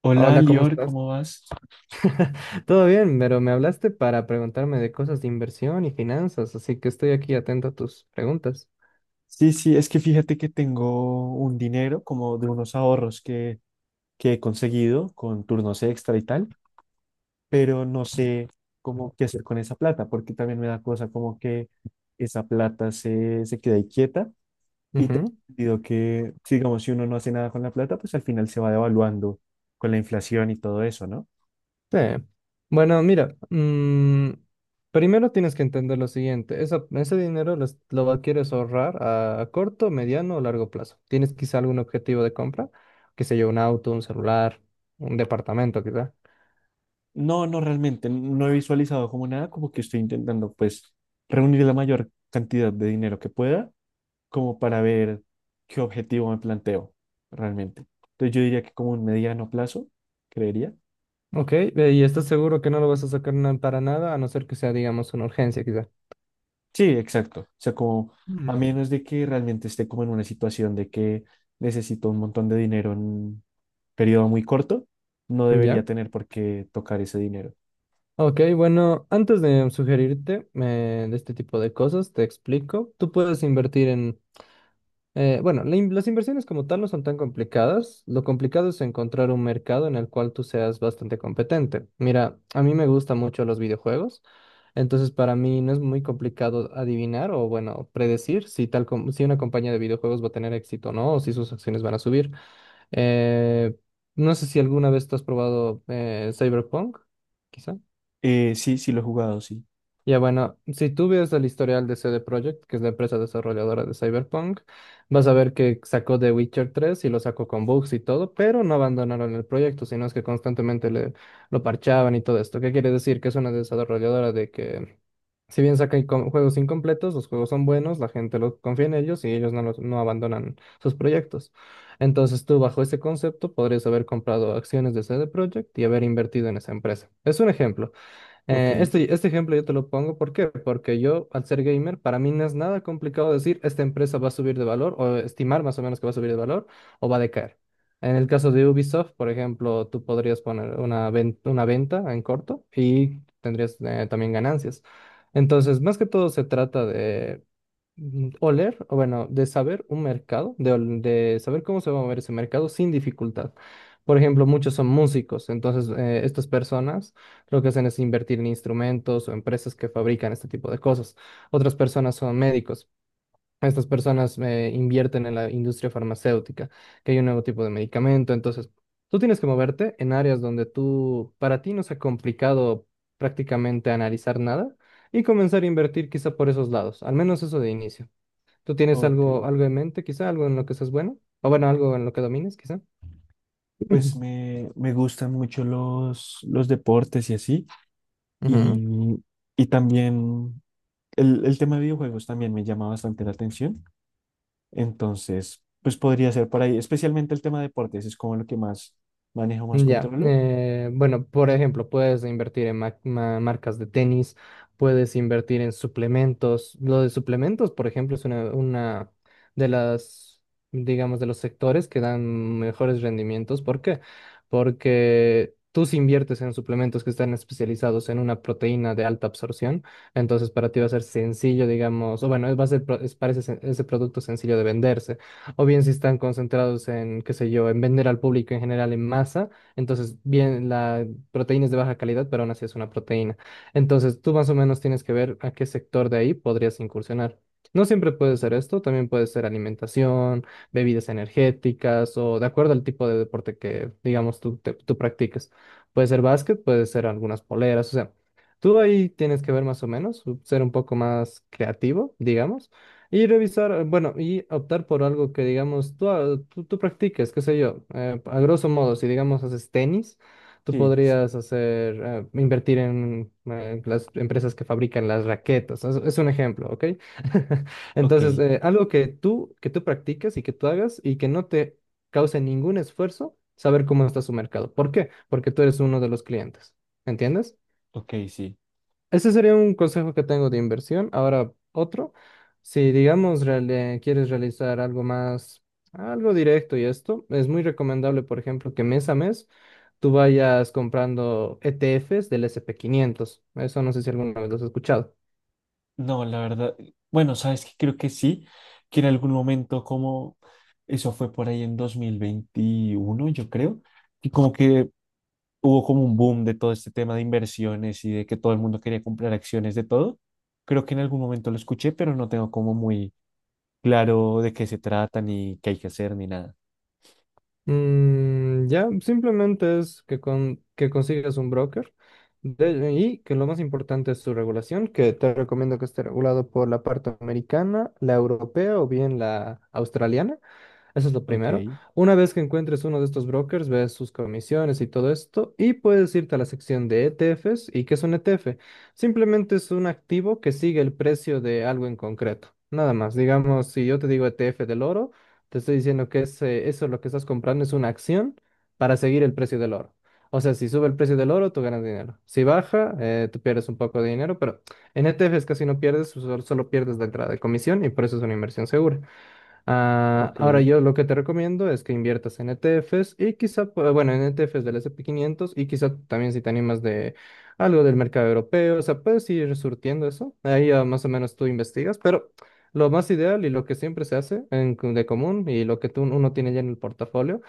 Hola, Hola, ¿cómo Lior, estás? ¿cómo vas? Todo bien, pero me hablaste para preguntarme de cosas de inversión y finanzas, así que estoy aquí atento a tus preguntas. Sí, sí, es que fíjate que tengo un dinero como de unos ahorros que he conseguido con turnos extra y tal, pero no sé cómo qué hacer con esa plata, porque también me da cosa como que esa plata se, se queda ahí quieta y te Ujú. digo que, sí, digamos, si uno no hace nada con la plata, pues al final se va devaluando con la inflación y todo eso, ¿no? Sí. Bueno, mira, primero tienes que entender lo siguiente, ese dinero lo quieres ahorrar a corto, mediano o largo plazo. ¿Tienes quizá algún objetivo de compra? Qué sé yo, un auto, un celular, un departamento quizá. No, no, realmente, no he visualizado como nada, como que estoy intentando pues reunir la mayor cantidad de dinero que pueda como para ver qué objetivo me planteo realmente. Entonces yo diría que como un mediano plazo, creería. Ok, ¿y estás seguro que no lo vas a sacar para nada, a no ser que sea, digamos, una urgencia quizá? Sí, exacto. O sea, como a Mm. menos de que realmente esté como en una situación de que necesito un montón de dinero en un periodo muy corto, no ¿Ya? debería tener por qué tocar ese dinero. Ok, bueno, antes de sugerirte de este tipo de cosas, te explico. Tú puedes invertir en, bueno, las inversiones como tal no son tan complicadas. Lo complicado es encontrar un mercado en el cual tú seas bastante competente. Mira, a mí me gustan mucho los videojuegos, entonces para mí no es muy complicado adivinar o, bueno, predecir si si una compañía de videojuegos va a tener éxito o no, o si sus acciones van a subir. Eh, no sé si alguna vez tú has probado Cyberpunk, quizá. Sí, sí lo he jugado, sí. Ya bueno, si tú ves el historial de CD Projekt, que es la empresa desarrolladora de Cyberpunk, vas a ver que sacó The Witcher 3 y lo sacó con bugs y todo, pero no abandonaron el proyecto, sino es que lo parchaban y todo esto. ¿Qué quiere decir? Que es una desarrolladora de que, si bien juegos incompletos, los juegos son buenos, la gente lo confía en ellos y ellos no, los- no abandonan sus proyectos. Entonces tú bajo ese concepto podrías haber comprado acciones de CD Projekt y haber invertido en esa empresa. Es un ejemplo. Ok, Este ejemplo yo te lo pongo, ¿por qué? Porque yo, al ser gamer, para mí no es nada complicado decir esta empresa va a subir de valor o estimar más o menos que va a subir de valor o va a decaer. En el caso de Ubisoft, por ejemplo, tú podrías poner una venta en corto y tendrías también ganancias. Entonces, más que todo se trata o bueno, de saber un mercado, de saber cómo se va a mover ese mercado sin dificultad. Por ejemplo, muchos son músicos, entonces estas personas lo que hacen es invertir en instrumentos o empresas que fabrican este tipo de cosas. Otras personas son médicos. Estas personas invierten en la industria farmacéutica, que hay un nuevo tipo de medicamento. Entonces, tú tienes que moverte en áreas donde tú, para ti no sea complicado prácticamente analizar nada y comenzar a invertir quizá por esos lados, al menos eso de inicio. ¿Tú tienes ok. Algo en mente, quizá? ¿Algo en lo que seas bueno? O bueno, algo en lo que domines, quizá. Pues me gustan mucho los deportes y así. Ujú. Y, y también el tema de videojuegos también me llama bastante la atención, entonces, pues podría ser por ahí, especialmente el tema de deportes, es como lo que más manejo, más Ya, controlo. Bueno, por ejemplo, puedes invertir en marcas de tenis, puedes invertir en suplementos. Lo de suplementos, por ejemplo, una de las, digamos, de los sectores que dan mejores rendimientos. ¿Por qué? Porque tú si inviertes en suplementos que están especializados en una proteína de alta absorción, entonces para ti va a ser sencillo, digamos, o bueno, va a ser, pro- es- parece ese producto sencillo de venderse. O bien si están concentrados en, qué sé yo, en vender al público en general en masa. Entonces, bien, la proteína es de baja calidad, pero aún así es una proteína. Entonces, tú más o menos tienes que ver a qué sector de ahí podrías incursionar. No siempre puede ser esto, también puede ser alimentación, bebidas energéticas o de acuerdo al tipo de deporte que, digamos, tú practiques. Puede ser básquet, puede ser algunas poleras, o sea, tú ahí tienes que ver más o menos, ser un poco más creativo, digamos y revisar, bueno, y optar por algo que, digamos, tú practiques, qué sé yo. A grosso modo, si, digamos, haces tenis, tú Sí, podrías hacer, invertir en las empresas que fabrican las raquetas. Es un ejemplo, ¿ok? ok, Entonces, algo que tú practiques y que tú hagas y que no te cause ningún esfuerzo, saber cómo está su mercado. ¿Por qué? Porque tú eres uno de los clientes. ¿Entiendes? ok, sí. Ese sería un consejo que tengo de inversión. Ahora, otro, si digamos quieres realizar algo más, algo directo y esto, es muy recomendable, por ejemplo, que mes a mes tú vayas comprando ETFs del S&P 500. Eso no sé si alguna vez lo has escuchado. No, la verdad, bueno, sabes que creo que sí, que en algún momento como, eso fue por ahí en 2021 yo creo, y como que hubo como un boom de todo este tema de inversiones y de que todo el mundo quería comprar acciones de todo. Creo que en algún momento lo escuché, pero no tengo como muy claro de qué se trata, ni qué hay que hacer, ni nada. Ya, simplemente es que, que consigas un broker y que lo más importante es su regulación, que te recomiendo que esté regulado por la parte americana, la europea o bien la australiana. Eso es lo Ok, primero. Una vez que encuentres uno de estos brokers, ves sus comisiones y todo esto, y puedes irte a la sección de ETFs. ¿Y qué es un ETF? Simplemente es un activo que sigue el precio de algo en concreto. Nada más. Digamos, si yo te digo ETF del oro, te estoy diciendo que eso lo que estás comprando es una acción para seguir el precio del oro. O sea, si sube el precio del oro, tú ganas dinero. Si baja, tú pierdes un poco de dinero, pero en ETFs casi no pierdes, solo pierdes la entrada de comisión y por eso es una inversión segura. Ah, ok. ahora yo lo que te recomiendo es que inviertas en ETFs y quizá, bueno, en ETFs del S and p 500 y quizá también si te animas de algo del mercado europeo, o sea, puedes ir surtiendo eso, ahí ya más o menos tú investigas, pero lo más ideal y lo que siempre se hace de común y lo que uno tiene ya en el portafolio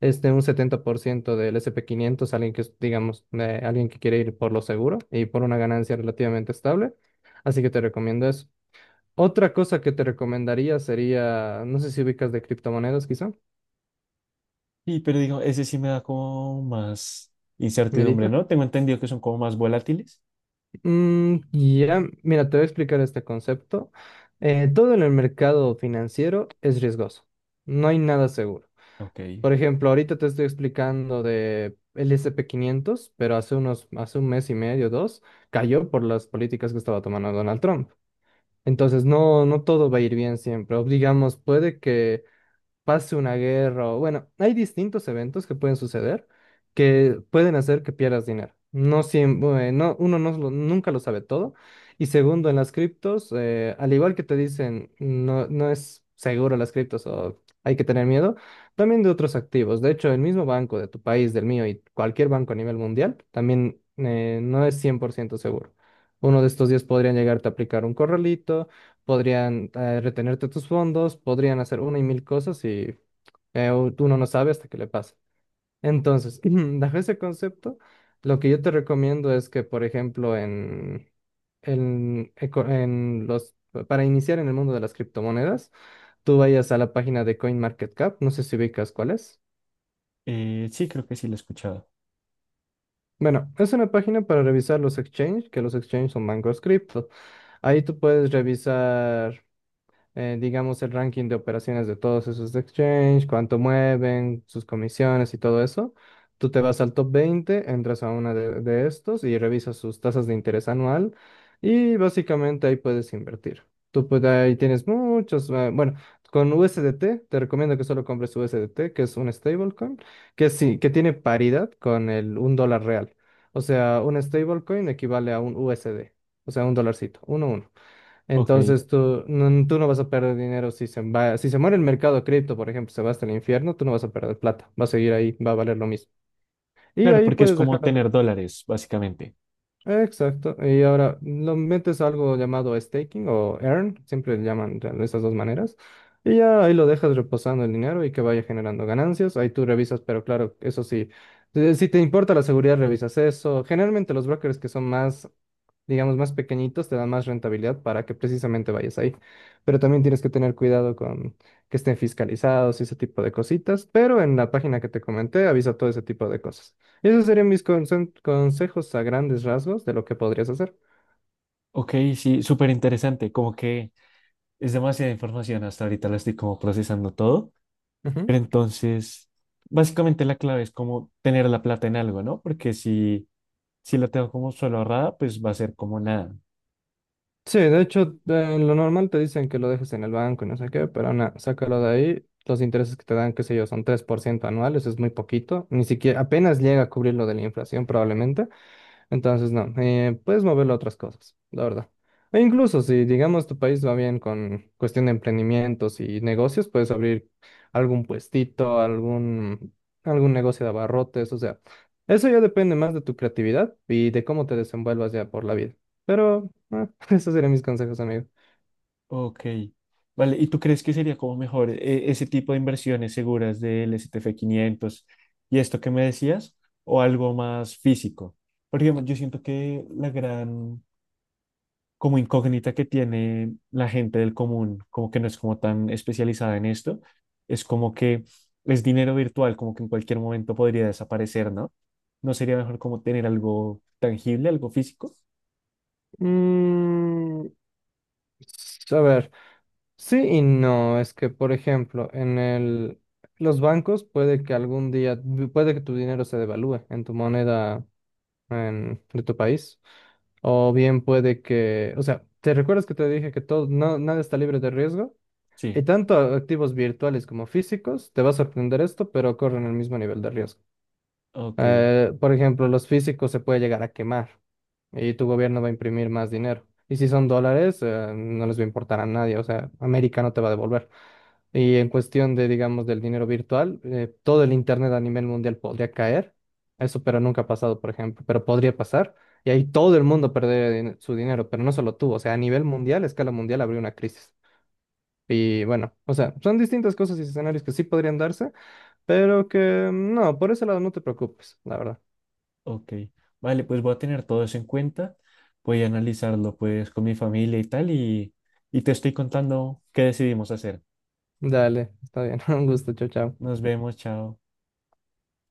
es de un 70% del S and p quinientos, alguien que es, digamos, de alguien que quiere ir por lo seguro y por una ganancia relativamente estable, así que te recomiendo eso. Otra cosa que te recomendaría sería, no sé si ubicas de criptomonedas, quizá, Sí, pero digo, ese sí me da como más incertidumbre, medita. ¿no? Tengo entendido que son como más volátiles. Ya, mira, te voy a explicar este concepto. Todo en el mercado financiero es riesgoso. No hay nada seguro. Ok. Por ejemplo, ahorita te estoy explicando de el S&P 500, pero hace un mes y medio, dos, cayó por las políticas que estaba tomando Donald Trump. Entonces, no, no todo va a ir bien siempre. O digamos, puede que pase una guerra o bueno, hay distintos eventos que pueden suceder que pueden hacer que pierdas dinero. No siempre, no, uno no, lo- nunca lo sabe todo. Y segundo, en las criptos, al igual que te dicen, no, no es seguro las criptos o hay que tener miedo, también de otros activos. De hecho, el mismo banco de tu país, del mío y cualquier banco a nivel mundial, también no es 100% seguro. Uno de estos días podrían llegarte a aplicar un corralito, podrían retenerte tus fondos, podrían hacer una y mil cosas y uno no sabe hasta que le pasa. Entonces, bajo ese concepto, lo que yo te recomiendo es que, por ejemplo, en, eco- en los, para iniciar en el mundo de las criptomonedas, tú vayas a la página de CoinMarketCap, no sé si ubicas cuál es. Sí, creo que sí lo he escuchado. Bueno, es una página para revisar los exchanges, que los exchanges son bancos cripto. Ahí tú puedes revisar digamos, el ranking de operaciones de todos esos exchange, cuánto mueven, sus comisiones y todo eso. Tú te vas al top 20, entras a de estos y revisas sus tasas de interés anual y básicamente ahí puedes invertir. Tú pues ahí tienes muchos, bueno, con USDT, te recomiendo que solo compres USDT, que es un stablecoin, que sí, que tiene paridad con el un dólar real. O sea, un stablecoin equivale a un USD, o sea, un dolarcito, uno, uno. Ok. Entonces tú no vas a perder dinero si se va, si se muere el mercado cripto, por ejemplo, se va hasta el infierno, tú no vas a perder plata, va a seguir ahí, va a valer lo mismo. Y Claro, ahí porque es puedes como dejarlo. tener dólares, básicamente. Exacto. Y ahora, lo metes a algo llamado staking o earn, siempre le llaman de esas dos maneras. Y ya ahí lo dejas reposando el dinero y que vaya generando ganancias. Ahí tú revisas, pero claro, eso sí, si te importa la seguridad, revisas eso. Generalmente los brokers que son más, digamos, más pequeñitos te dan más rentabilidad para que precisamente vayas ahí. Pero también tienes que tener cuidado con que estén fiscalizados y ese tipo de cositas. Pero en la página que te comenté avisa todo ese tipo de cosas. Esos serían mis consejos a grandes rasgos de lo que podrías hacer. Ok, sí, súper interesante. Como que es demasiada información. Hasta ahorita la estoy como procesando todo. Ujú. Pero entonces, básicamente la clave es como tener la plata en algo, ¿no? Porque si, si la tengo como solo ahorrada, pues va a ser como nada. Sí, de hecho, lo normal te dicen que lo dejes en el banco y no sé qué, pero nada, sácalo de ahí. Los intereses que te dan, qué sé yo, son 3% anuales, es muy poquito. Ni siquiera, apenas llega a cubrir lo de la inflación probablemente. Entonces, no, puedes moverlo a otras cosas, la verdad. E incluso si, digamos, tu país va bien con cuestión de emprendimientos y negocios, puedes abrir algún puestito, algún, algún negocio de abarrotes, o sea, eso ya depende más de tu creatividad y de cómo te desenvuelvas ya por la vida. Pero, ah, esos serían mis consejos, amigo. Ok, vale. ¿Y tú crees que sería como mejor ese tipo de inversiones seguras del STF 500 y esto que me decías o algo más físico? Porque digamos, yo siento que la gran como incógnita que tiene la gente del común, como que no es como tan especializada en esto, es como que es dinero virtual, como que en cualquier momento podría desaparecer, ¿no? ¿No sería mejor como tener algo tangible, algo físico? Mm, Pues, a ver, sí y no. Es que, por ejemplo, los bancos puede que algún día, puede que tu dinero se devalúe en tu moneda de tu país. O bien puede que, o sea, ¿te recuerdas que te dije que todo, no, nada está libre de riesgo? Y Sí, tanto activos virtuales como físicos, te va a sorprender esto, pero corren el mismo nivel de riesgo. ok. Por ejemplo, los físicos se puede llegar a quemar y tu gobierno va a imprimir más dinero. Y si son dólares, no les va a importar a nadie, o sea, América no te va a devolver. Y en cuestión de, digamos, del dinero virtual, todo el Internet a nivel mundial podría caer. Eso, pero nunca ha pasado, por ejemplo, pero podría pasar. Y ahí todo el mundo perdería su dinero, pero no solo tú, o sea, a nivel mundial, a escala mundial, habría una crisis. Y bueno, o sea, son distintas cosas y escenarios que sí podrían darse, pero que no, por ese lado no te preocupes, la verdad. Ok, vale, pues voy a tener todo eso en cuenta, voy a analizarlo pues con mi familia y tal y te estoy contando qué decidimos hacer. Dale, está bien. Un gusto, chao, chao. Nos vemos, chao.